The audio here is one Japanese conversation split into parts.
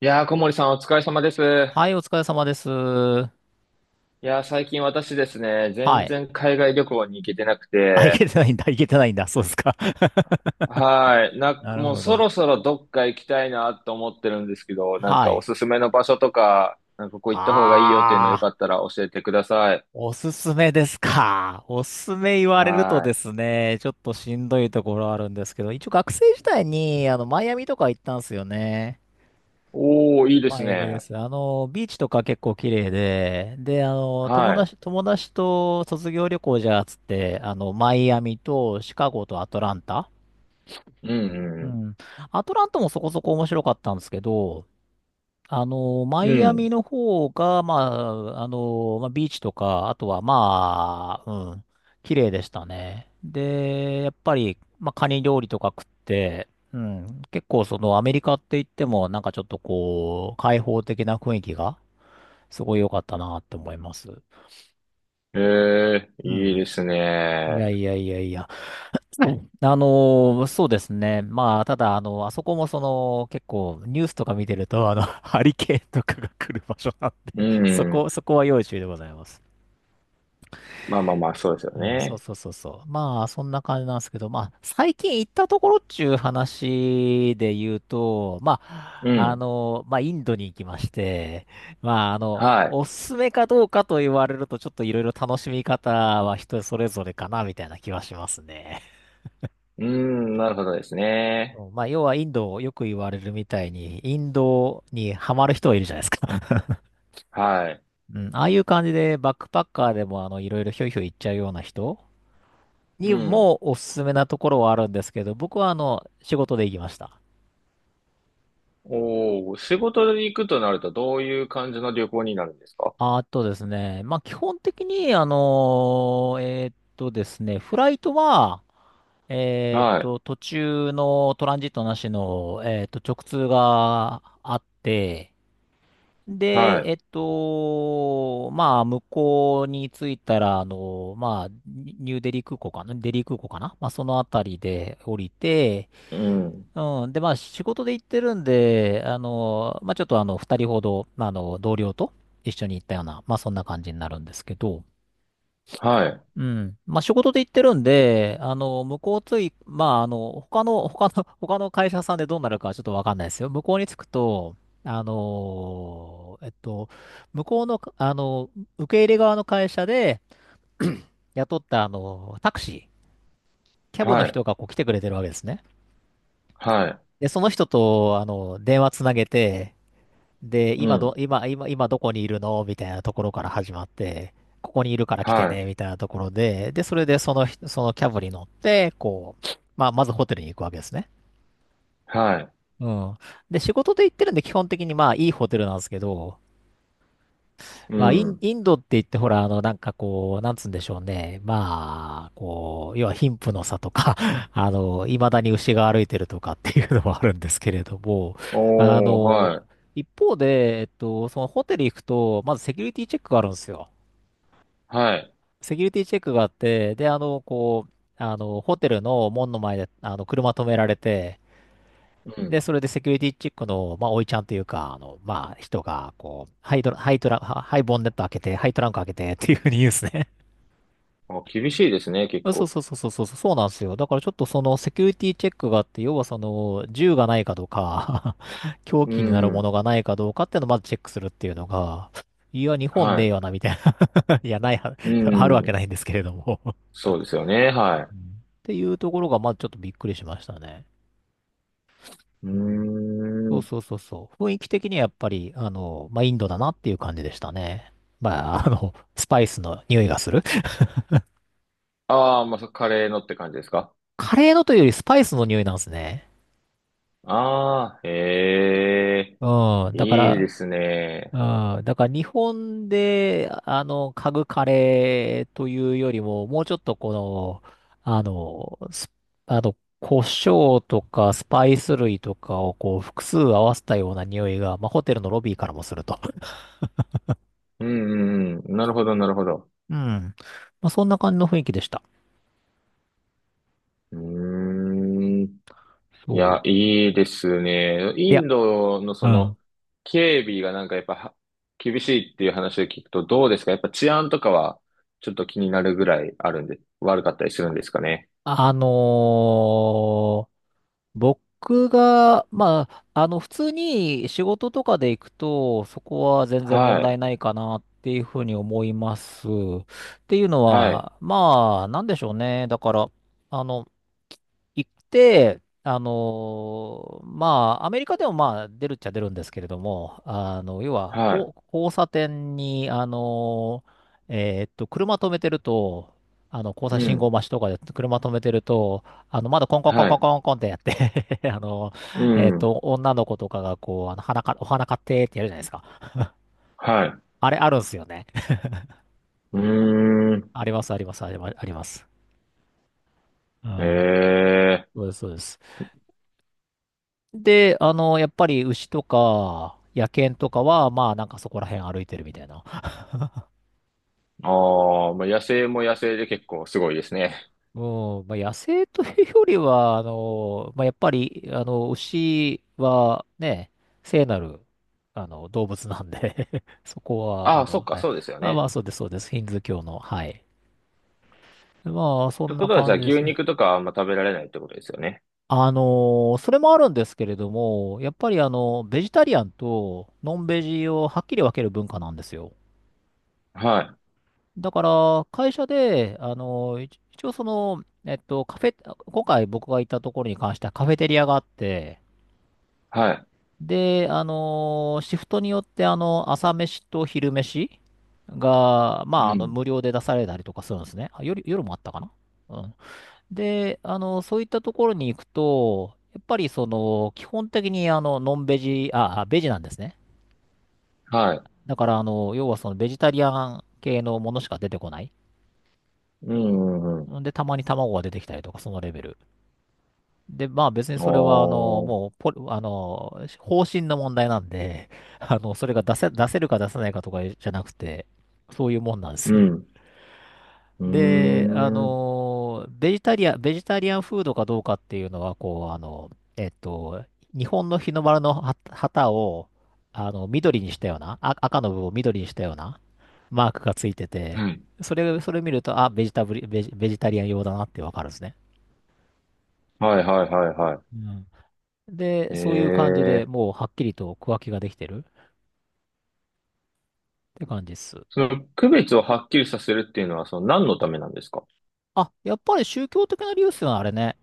いやー、小森さんお疲れ様です。いはい、お疲れ様です。はやー、最近私ですね、全い。然海外旅行に行けてなくあ、いて、けてないんだ、いけてないんだ。そうですか。はい、なるもうほそど。ろそろどっか行きたいなと思ってるんですけど、なんはかおい。すすめの場所とか、なんかここ行った方がいいよっていうのあよかっー、たら教えてください。おすすめですか。おすすめ言われるとはでい。すね、ちょっとしんどいところあるんですけど、一応学生時代に、マイアミとか行ったんですよね。おー、いいでマすイアミでね。す。ビーチとか結構綺麗で、友はい。達、友達と卒業旅行じゃあっつって、マイアミとシカゴとアトランタ。うん、ううん。ん。アトランタもそこそこ面白かったんですけど、マうイアミん。の方が、まあ、ビーチとか、あとはまあ、綺麗でしたね。で、やっぱり、まあ、カニ料理とか食って、結構そのアメリカって言っても、なんかちょっとこう、開放的な雰囲気が、すごい良かったなって思います。えー、ういいん。ですいね。やいやいやいや。はい、あのそうですね。まあ、ただ、あそこもその、結構、ニュースとか見てると、ハリケーンとかが来る場所なんうで、そん。こ、そこは要注意でございます。まあまあまあ、そうですようん、そうね。そうそうそう。まあ、そんな感じなんですけど、まあ、最近行ったところっちゅう話で言うと、まあ、うん。インドに行きまして、まあ、はおすすめかどうかと言われると、ちょっといろいろ楽しみ方は人それぞれかな、みたいな気はしますね。い。うん、なるほどですね。そう、まあ、要はインド、よく言われるみたいに、インドにハマる人はいるじゃないですか。はい。うん、ああいう感じで、バックパッカーでも、いろいろひょいひょい行っちゃうような人うにん。もおすすめなところはあるんですけど、僕は、仕事で行きました。おお、仕事で行くとなるとどういう感じの旅行になるんですか？あとですね、まあ、基本的に、あのーえーっとですね、フライトは、はい、途中のトランジットなしの、直通があって、で、はまあ、向こうに着いたら、まあ、ニューデリー空港かな、デリー空港かな、まあ、そのあたりで降りて、い、うん、うん。で、まあ、仕事で行ってるんで、まあ、ちょっと二人ほど、まあ、同僚と一緒に行ったような、まあ、そんな感じになるんですけど、はい、うん。まあ、仕事で行ってるんで、向こうつい、まあ、他の会社さんでどうなるかはちょっとわかんないですよ。向こうに着くと、あの、えっと、向こうの、受け入れ側の会社で雇った、タクシー、キャブのはい、人がこう来てくれてるわけですね。はい、で、その人と、電話つなげて、で、う今ど、ん、今、今、今どこにいるのみたいなところから始まって、ここにいるから来てはね、い、みたいなところで、で、それでそのキャブに乗って、こう、まあ、まずホテルに行くわけですね。はい、うん。で、仕事で行ってるんで、基本的にまあ、いいホテルなんですけど、うまあ、イン、ん。インドって言ってほら、なんかこう、なんつうんでしょうね。まあ、こう、要は貧富の差とか、未だに牛が歩いてるとかっていうのもあるんですけれども、あおー、の、はい、一方で、そのホテル行くと、まずセキュリティチェックがあるんですよ。はい、セキュリティチェックがあって、で、こう、ホテルの門の前で、車止められて、うで、ん。それでセキュリティチェックの、まあ、おいちゃんというか、人が、こう、ハイドラ、ハイトラ、ハハイボンネット開けて、ハイトランク開けてっていうふうに言うんですね。あ、厳しいですね、結そうそう構。そうそうそうそう、そうなんですよ。だからちょっとそのセキュリティチェックがあって、要はその、銃がないかどうか、 凶う器になるもん、のがないかどうかっていうのをまずチェックするっていうのが、いや、日本はねえい、よな、みたいな。いや、ないは、う あるわけん。ないんですけれども、 うんっそうですよね、はていうところが、まずちょっとびっくりしましたね。い。ううん、そーうそん。うそうそう。雰囲気的にはやっぱり、まあ、インドだなっていう感じでしたね。まあ、スパイスの匂いがする。ああ、まあ、カレーのって感じですか？カレーのというよりスパイスの匂いなんですね。ああー、へえ、うん。だかいいでら、すうね。ん。だから日本で、嗅ぐカレーというよりも、もうちょっとこの、あの、スあの、胡椒とかスパイス類とかをこう複数合わせたような匂いが、まあ、ホテルのロビーからもすると。うん、うん、うん。なるほど、なるほど。うん。まあ、そんな感じの雰囲気でした。うーん。いや、そいいですね。う。いイや、ンドのうそん。の、警備がなんかやっぱは厳しいっていう話を聞くとどうですか？やっぱ治安とかはちょっと気になるぐらいあるんで、悪かったりするんですかね？あのー、僕が、まあ、普通に仕事とかで行くと、そこは全然問はい、題ないかなっていうふうに思います。っていうのはい、は、まあ、なんでしょうね。だから、あの、行って、まあ、アメリカでもまあ、出るっちゃ出るんですけれども、要は、はい、こう、交差点に、車止めてると、交う差信号ん、待ちとかで車止めてると、窓コンコンコンはコンい、コンコンってやって、 うん、女の子とかがこう、花か、お花買ってってやるじゃないですか。はい、あれあるんすよね。うーん、あります、あります、ありますあります。うん。ええ。そうです、そうです。で、やっぱり牛とか、野犬とかは、まあ、なんかそこら辺歩いてるみたいな。ああ、まあ、野生も野生で結構すごいですね。うん、まあ、野生というよりは、やっぱり、牛はね、聖なる、動物なんで、 そこは、ああ、そっか、はい。そうですよまあまあ、ね。そうです、そうです。ヒンズー教の、はい。まあ、そってんこなとはじゃ感あじで牛すね。肉とかはあんま食べられないってことですよね。それもあるんですけれども、やっぱりベジタリアンとノンベジをはっきり分ける文化なんですよ。はい。だから、会社で、一応その、カフェ、今回僕が行ったところに関してはカフェテリアがあって、はい。で、シフトによって、朝飯と昼飯が、うまあ、ん。無料で出されたりとかするんですね。あ、夜もあったかな。うん。で、そういったところに行くと、やっぱりその、基本的にノンベジ、あ、ベジなんですね。はい。だから要はそのベジタリアン系のものしか出てこない。うん、うん、うん。んで、たまに卵が出てきたりとか、そのレベル。で、まあ別にあそれはあの、ー、もうポリ、あの、方針の問題なんで、それが出せるか出せないかとかじゃなくて、そういうもんなんでうす。ん。うーで、あん。のベジタリアン、ベジタリアンフードかどうかっていうのは、こう、えっと、日本の日の丸の旗を、緑にしたような、あ、赤の部分を緑にしたようなマークがついてて、はい。それ見ると、あ、ベジタリアン用だなってわかるんですね。はい、はい、はい、はうん。で、い。えそういう感じでえ。もうはっきりと区分けができてるって感じです。その区別をはっきりさせるっていうのは、その何のためなんですか？あ、やっぱり宗教的な理由っすよね、あれね。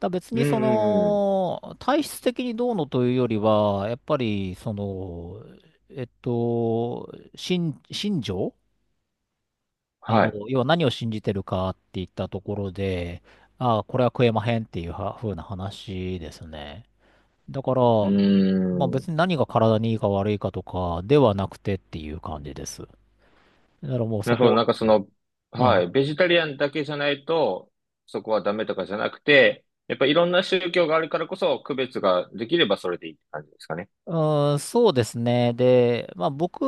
だ別うん、にそうん、うん。の、体質的にどうのというよりは、やっぱり、その、信条、はい。要は何を信じてるかって言ったところで、ああ、これは食えまへんっていうは風な話ですね。だから、うまあー別ん。に何が体にいいか悪いかとかではなくてっていう感じです。だからもうなそるほこど。は、なんかその、うはんい。ベジタリアンだけじゃないと、そこはダメとかじゃなくて、やっぱいろんな宗教があるからこそ、区別ができればそれでいいって感じですかね？うそうですね。で、まあ僕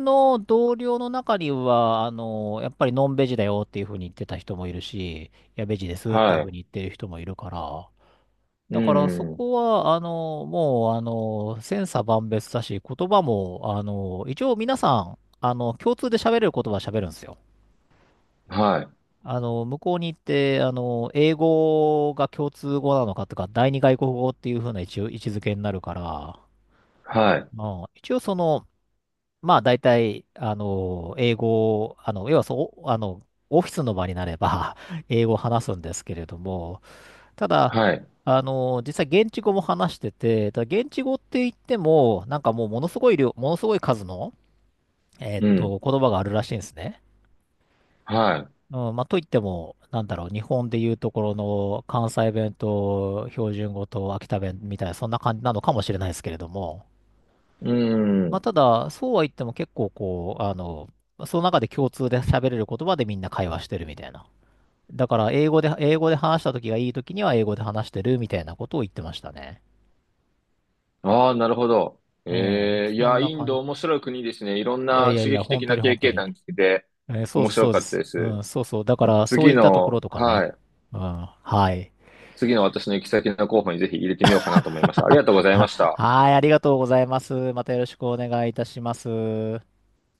の同僚の中には、やっぱりノンベジだよっていうふうに言ってた人もいるし、や、ベジですっていうはふうい。に言ってる人もいるから、うだからそん、うん。こは、もう、千差万別だし、言葉も、一応皆さん、共通で喋れる言葉は喋るんですよ。はい。向こうに行って、英語が共通語なのかとか、第二外国語っていうふうな一応位置づけになるから、はい。まあ、一応その、まあ大体、英語を、要はそう、オフィスの場になれば、 英語を話すんですけれども、ただ、はい。実際現地語も話してて、ただ現地語って言っても、なんかもうものすごい量、ものすごい数の、うん。言葉があるらしいんですね。はうん、まあ、といっても、なんだろう、日本で言うところの関西弁と標準語と秋田弁みたいな、そんな感じなのかもしれないですけれども、い。うまあ、ん。ただ、そうは言っても結構こう、その中で共通で喋れる言葉でみんな会話してるみたいな。だから、英語で話した時がいい時には英語で話してるみたいなことを言ってましたね。ああ、なるほど。うん。ええ、いそや、んなインド感面白い国ですね。いろんじ。いやいなやい刺や、激本的当なに経本当験に。談聞けてそう面です、白そうでかったす。でうす。ん、そうそう。だから、そういったところとかはね。い。うん。はい。次の私の行き先の候補にぜひ入れてみようかなと思いました。ありがとうございまし た。はい、ありがとうございます。またよろしくお願いいたします。